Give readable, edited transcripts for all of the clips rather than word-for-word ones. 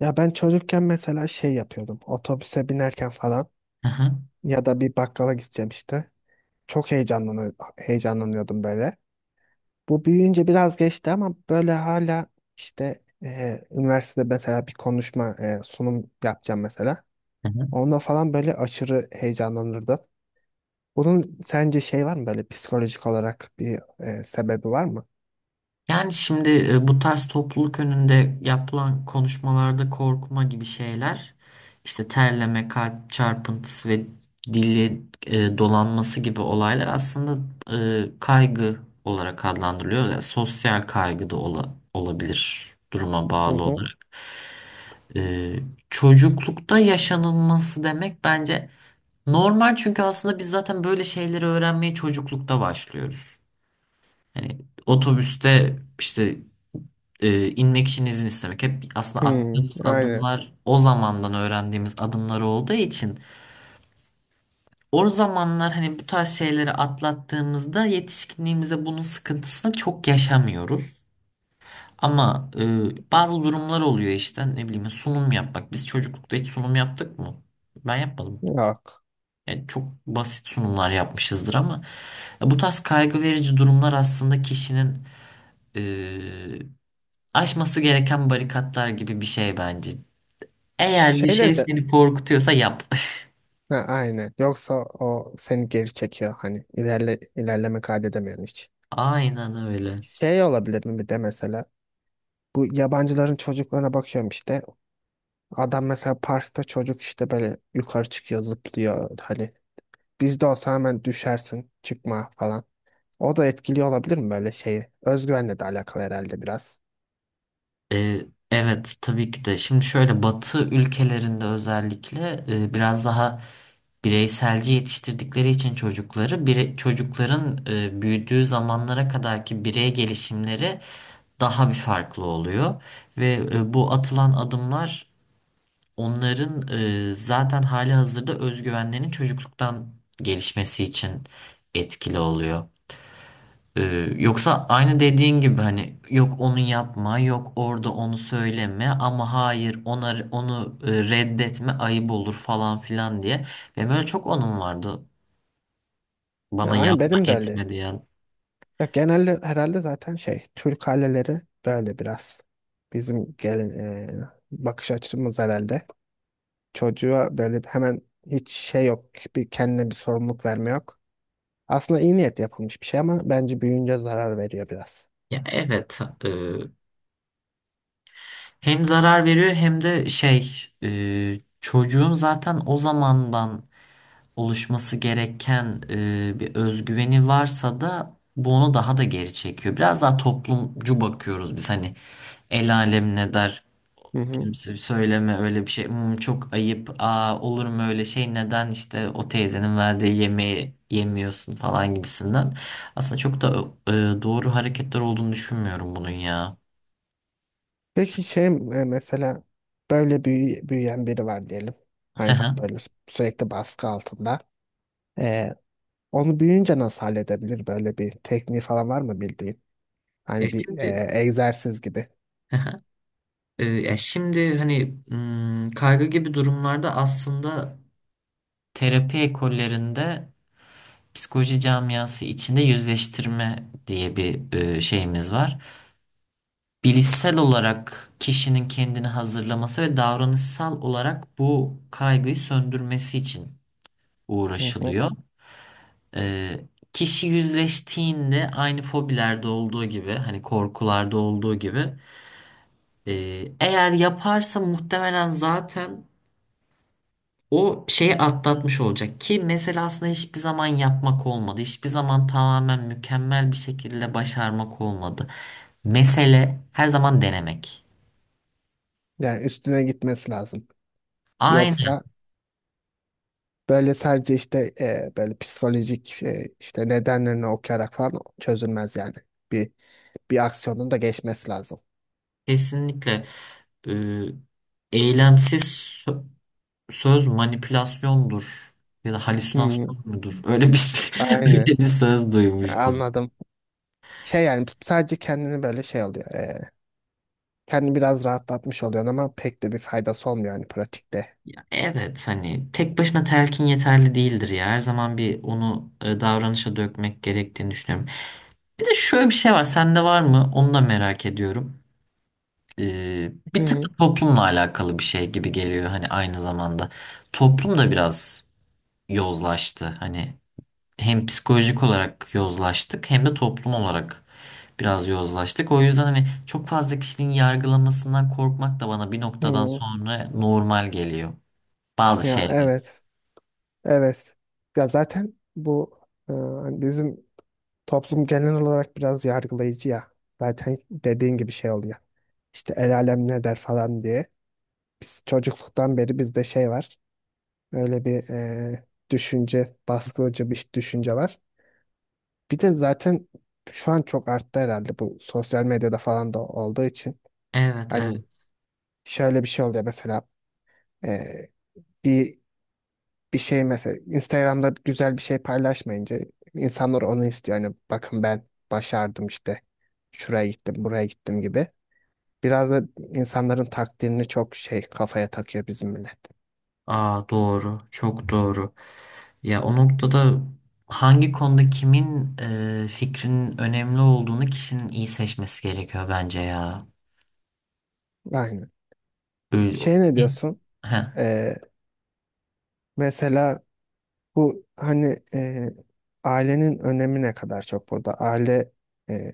Ya ben çocukken mesela şey yapıyordum. Otobüse binerken falan Hı hı, ya da bir bakkala gideceğim işte. Çok heyecanlanıyordum böyle. Bu büyüyünce biraz geçti ama böyle hala işte üniversitede mesela bir konuşma sunum yapacağım mesela. hı hı. Onda falan böyle aşırı heyecanlanırdım. Bunun sence şey var mı böyle psikolojik olarak bir sebebi var mı? Yani şimdi bu tarz topluluk önünde yapılan konuşmalarda korkma gibi şeyler, işte terleme, kalp çarpıntısı ve dili dolanması gibi olaylar aslında kaygı olarak adlandırılıyor. Yani sosyal kaygı da olabilir duruma Hı bağlı hı. olarak. E, Çocuklukta yaşanılması demek bence normal çünkü aslında biz zaten böyle şeyleri öğrenmeye çocuklukta başlıyoruz. Hani otobüste işte inmek için izin istemek hep aslında Hmm, attığımız aynen. adımlar o zamandan öğrendiğimiz adımlar olduğu için o zamanlar hani bu tarz şeyleri atlattığımızda yetişkinliğimize bunun sıkıntısını çok yaşamıyoruz. Ama bazı durumlar oluyor işte ne bileyim sunum yapmak. Biz çocuklukta hiç sunum yaptık mı? Ben yapmadım. Yok. Yani çok basit sunumlar yapmışızdır ama bu tarz kaygı verici durumlar aslında kişinin e, aşması gereken barikatlar gibi bir şey bence. Eğer bir Şeyle şey de seni korkutuyorsa yap. ha, aynen. Yoksa o seni geri çekiyor hani ilerleme kaydedemiyorsun hiç. Aynen öyle. Şey olabilir mi bir de mesela bu yabancıların çocuklarına bakıyorum işte adam mesela parkta çocuk işte böyle yukarı çıkıyor zıplıyor hani bizde olsa hemen düşersin çıkma falan. O da etkili olabilir mi böyle şeyi? Özgüvenle de alakalı herhalde biraz. Evet tabii ki de. Şimdi şöyle Batı ülkelerinde özellikle biraz daha bireyselci yetiştirdikleri için çocukları çocukların büyüdüğü zamanlara kadarki birey gelişimleri daha bir farklı oluyor ve bu atılan adımlar onların zaten hali hazırda özgüvenlerinin çocukluktan gelişmesi için etkili oluyor. E, Yoksa aynı dediğin gibi hani yok onu yapma, yok orada onu söyleme ama hayır ona, onu reddetme ayıp olur falan filan diye. Benim öyle çok onun vardı Ya, bana aynen yapma benim de öyle. etme diyen. Ya, genelde herhalde zaten şey Türk aileleri böyle biraz bizim gelin e, bakış açımız herhalde. Çocuğa böyle hemen hiç şey yok bir kendine bir sorumluluk verme yok. Aslında iyi niyet yapılmış bir şey ama bence büyüyünce zarar veriyor biraz. Ya evet, e, hem zarar veriyor hem de şey, çocuğun zaten o zamandan oluşması gereken bir özgüveni varsa da bu onu daha da geri çekiyor. Biraz daha toplumcu bakıyoruz biz, hani el alem ne der, Hı hı. kimse söyleme öyle bir şey. "Hmm, çok ayıp, aa olur mu öyle şey, neden işte o teyzenin verdiği yemeği yemiyorsun" falan gibisinden. Aslında çok da doğru hareketler olduğunu düşünmüyorum bunun ya. Peki şey mesela böyle büyüyen biri var diyelim. Hani böyle sürekli baskı altında. E, Onu büyüyünce nasıl halledebilir? Böyle bir tekniği falan var mı bildiğin? Ya Hani bir şimdi, egzersiz gibi. Ya şimdi hani kaygı gibi durumlarda aslında terapi ekollerinde psikoloji camiası içinde yüzleştirme diye bir şeyimiz var. Bilişsel olarak kişinin kendini hazırlaması ve davranışsal olarak bu kaygıyı söndürmesi için Hı hı. uğraşılıyor. E, Kişi yüzleştiğinde aynı fobilerde olduğu gibi, hani korkularda olduğu gibi, e, eğer yaparsa muhtemelen zaten o şeyi atlatmış olacak. Ki mesela aslında hiçbir zaman yapmak olmadı. Hiçbir zaman tamamen mükemmel bir şekilde başarmak olmadı. Mesele her zaman denemek. Yani üstüne gitmesi lazım. Aynen, Yoksa böyle sadece işte böyle psikolojik işte nedenlerini okuyarak falan çözülmez yani. Bir Bir aksiyonun da geçmesi lazım. kesinlikle. e, Eylemsiz sö- söz manipülasyondur ya da Hmm, halüsinasyon mudur? Öyle bir şey- öyle aynen. bir söz duymuştum. Anladım. Şey yani sadece kendini böyle şey oluyor. Kendini biraz rahatlatmış oluyorsun ama pek de bir faydası olmuyor yani pratikte. Ya evet, hani tek başına telkin yeterli değildir ya. Her zaman bir onu davranışa dökmek gerektiğini düşünüyorum. Bir de şöyle bir şey var. Sende var mı? Onu da merak ediyorum. Hı Bir tık hı. da toplumla alakalı bir şey gibi geliyor. Hani aynı zamanda. Toplum da biraz yozlaştı. Hani hem psikolojik olarak yozlaştık hem de toplum olarak biraz yozlaştık. O yüzden hani çok fazla kişinin yargılamasından korkmak da bana bir noktadan Hı. sonra normal geliyor. Bazı Ya şeyler. evet. Evet. Ya zaten bu e, bizim toplum genel olarak biraz yargılayıcı ya. Zaten dediğin gibi şey oluyor. İşte el alem ne der falan diye. Biz çocukluktan beri bizde şey var. Öyle bir düşünce, baskıcı bir düşünce var. Bir de zaten şu an çok arttı herhalde bu sosyal medyada falan da olduğu için. Evet, Hani evet. şöyle bir şey oluyor mesela e, bir bir şey mesela Instagram'da güzel bir şey paylaşmayınca insanlar onu istiyor. Hani bakın ben başardım işte. Şuraya gittim, buraya gittim gibi. Biraz da insanların takdirini çok şey kafaya takıyor bizim millet. Aa doğru, çok doğru. Ya o noktada hangi konuda kimin fikrinin önemli olduğunu kişinin iyi seçmesi gerekiyor bence ya. Aynen. Ö- Şey ne diyorsun? Heh. Ee, mesela bu hani ailenin önemi ne kadar çok burada? Aile e,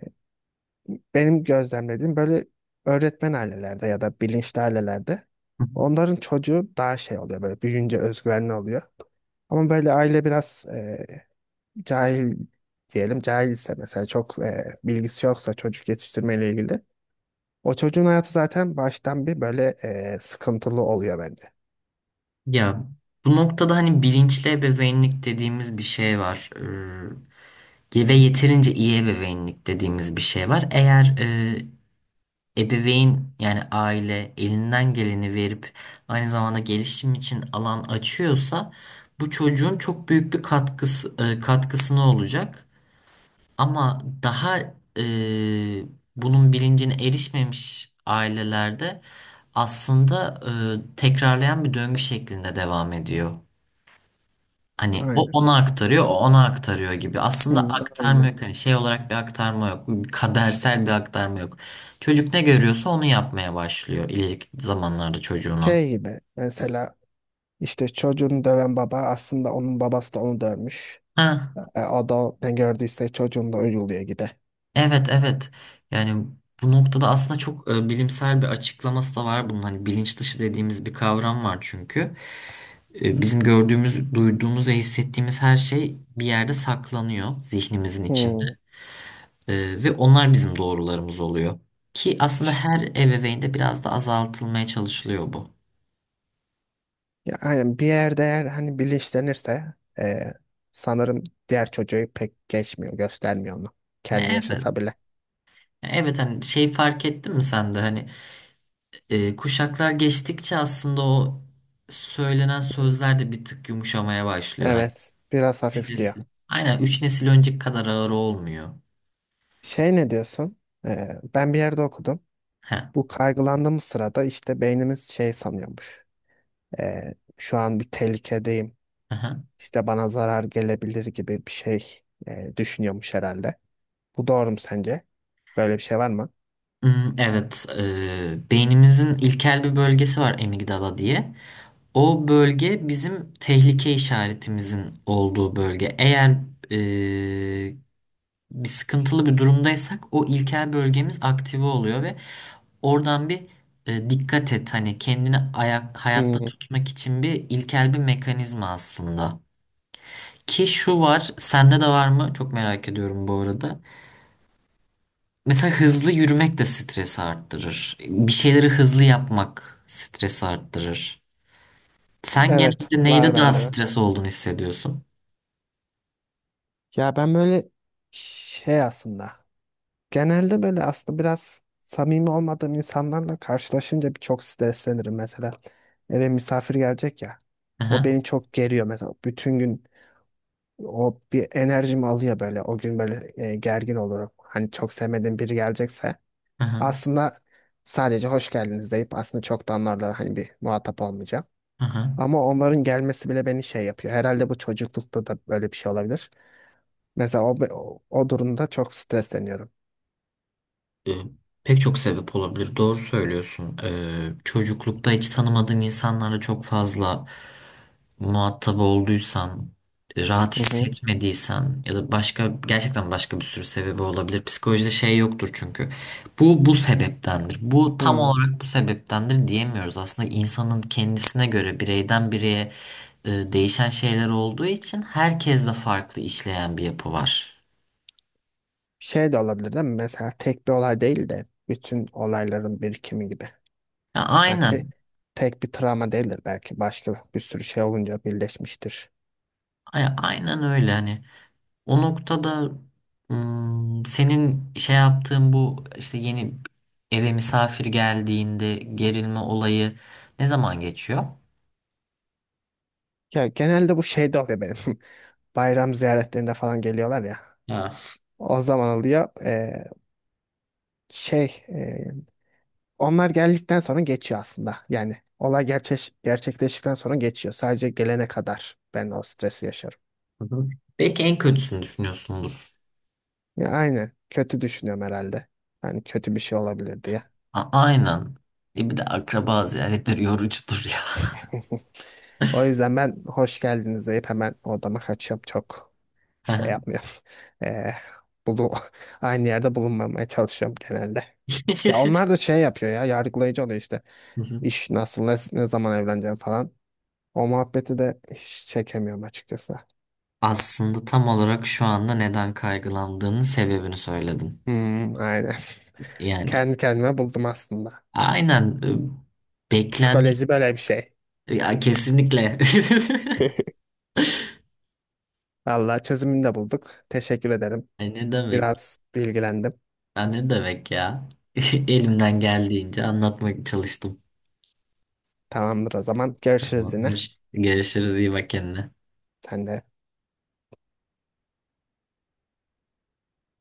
benim gözlemlediğim böyle öğretmen ailelerde ya da bilinçli ailelerde onların çocuğu daha şey oluyor böyle büyüyünce özgüvenli oluyor. Ama böyle aile biraz cahil diyelim cahil ise mesela çok bilgisi yoksa çocuk yetiştirmeyle ilgili o çocuğun hayatı zaten baştan bir böyle sıkıntılı oluyor bence. Ya bu noktada hani bilinçli ebeveynlik dediğimiz bir şey var. Ve yeterince iyi ebeveynlik dediğimiz bir şey var. Eğer ebeveyn yani aile elinden geleni verip aynı zamanda gelişim için alan açıyorsa bu çocuğun çok büyük bir katkısı, katkısına olacak. Ama daha e, bunun bilincine erişmemiş ailelerde aslında tekrarlayan bir döngü şeklinde devam ediyor. Hani o Aynen. ona aktarıyor, o ona aktarıyor gibi. Hı, Aslında aktarma aynen. yok. Hani şey olarak bir aktarma yok. Kadersel bir aktarma yok. Çocuk ne görüyorsa onu yapmaya başlıyor ileriki zamanlarda çocuğuna. Şey gibi mesela işte çocuğunu döven baba aslında onun babası da onu dövmüş. Ha, E, adam ne gördüyse çocuğun da uyguluyor gide. evet evet. Yani bu noktada aslında çok bilimsel bir açıklaması da var bunun. Hani bilinç dışı dediğimiz bir kavram var çünkü. Bizim gördüğümüz, duyduğumuz ve hissettiğimiz her şey bir yerde saklanıyor zihnimizin içinde. Hmm. Ve onlar bizim doğrularımız oluyor. Ki aslında her ebeveynde biraz da azaltılmaya çalışılıyor bu. Ya, aynen bir yerde eğer hani bilinçlenirse sanırım diğer çocuğu pek geçmiyor, göstermiyor onu. Kendi yaşasa Evet. bile. Evet, hani şey, fark ettin mi sen de hani kuşaklar geçtikçe aslında o söylenen sözler de bir tık yumuşamaya başlıyor. Hani Evet, biraz üç hafifliyor. nesil. Aynen, üç nesil önceki kadar ağır olmuyor. Şey ne diyorsun? E, ben bir yerde okudum. Heh. Bu kaygılandığımız sırada işte beynimiz şey sanıyormuş. Şu an bir tehlikedeyim. Aha. İşte bana zarar gelebilir gibi bir şey düşünüyormuş herhalde. Bu doğru mu sence? Böyle bir şey var mı? Hmm. Evet, beynimizin ilkel bir bölgesi var amigdala diye. O bölge bizim tehlike işaretimizin olduğu bölge. Eğer e, bir sıkıntılı bir durumdaysak o ilkel bölgemiz aktive oluyor ve oradan bir, dikkat et hani kendini ayak, hayatta Hmm, tutmak için, bir ilkel bir mekanizma aslında. Ki şu var, sende de var mı? Çok merak ediyorum bu arada. Mesela hızlı yürümek de stresi arttırır. Bir şeyleri hızlı yapmak stresi arttırır. Sen evet genelde neyde var daha bende de. stres olduğunu hissediyorsun? Ya ben böyle şey aslında genelde böyle aslında biraz samimi olmadığım insanlarla karşılaşınca bir çok streslenirim mesela. Eve misafir gelecek ya. O Aha, beni çok geriyor mesela. Bütün gün o bir enerjimi alıyor böyle. O gün böyle gergin olurum. Hani çok sevmediğim biri gelecekse aha, aslında sadece hoş geldiniz deyip aslında çok da onlarla hani bir muhatap olmayacağım. aha. Ama onların gelmesi bile beni şey yapıyor. Herhalde bu çocuklukta da böyle bir şey olabilir. Mesela o durumda çok stresleniyorum. Ee, Pek çok sebep olabilir. Doğru söylüyorsun. Çocuklukta hiç tanımadığın insanlarla çok fazla muhatap olduysan, rahat Hı hı. hissetmediysen ya da başka, gerçekten başka bir sürü sebebi olabilir. Psikolojide şey yoktur çünkü. Bu bu sebeptendir. Bu tam Hı. olarak bu sebeptendir diyemiyoruz. Aslında insanın kendisine göre bireyden bireye değişen şeyler olduğu için herkesle farklı işleyen bir yapı var. Şey de olabilir değil mi? Mesela tek bir olay değil de bütün olayların birikimi gibi. Ya, Yani aynen. tek bir travma değildir belki. Başka bir sürü şey olunca birleşmiştir. Aynen öyle. Hani o noktada, senin şey yaptığın, bu işte yeni eve misafir geldiğinde gerilme olayı ne zaman geçiyor? Ya genelde bu şey de oluyor benim. Bayram ziyaretlerinde falan geliyorlar ya. Ha. O zaman oluyor. Şey onlar geldikten sonra geçiyor aslında. Yani olay gerçekleştikten sonra geçiyor. Sadece gelene kadar ben o stresi yaşarım. Hı hı. Belki en kötüsünü düşünüyorsundur. Ya aynen. Kötü düşünüyorum herhalde. Hani kötü bir şey olabilir diye. Aynen. E bir de akraba ziyaretleri yorucudur ya. O yüzden ben hoş geldiniz deyip hemen odama kaçıyorum. Çok şey yapmıyorum. Eee bulu aynı yerde bulunmamaya çalışıyorum genelde. Ya onlar da şey yapıyor ya yargılayıcı oluyor işte. Hı hı. İş nasıl ne zaman evleneceğim falan. O muhabbeti de hiç çekemiyorum açıkçası. Aslında tam olarak şu anda neden kaygılandığının sebebini söyledin. Hmm, aynen. Yani Kendi kendime buldum aslında. aynen, beklent, Psikoloji böyle bir şey. ya kesinlikle. Vallahi çözümünü de bulduk. Teşekkür ederim. Ay ne demek? Biraz bilgilendim. Ya ne demek ya? Elimden geldiğince anlatmak çalıştım. Tamamdır o zaman. Görüşürüz yine. Tamamdır. Görüşürüz. İyi bak kendine. Sen de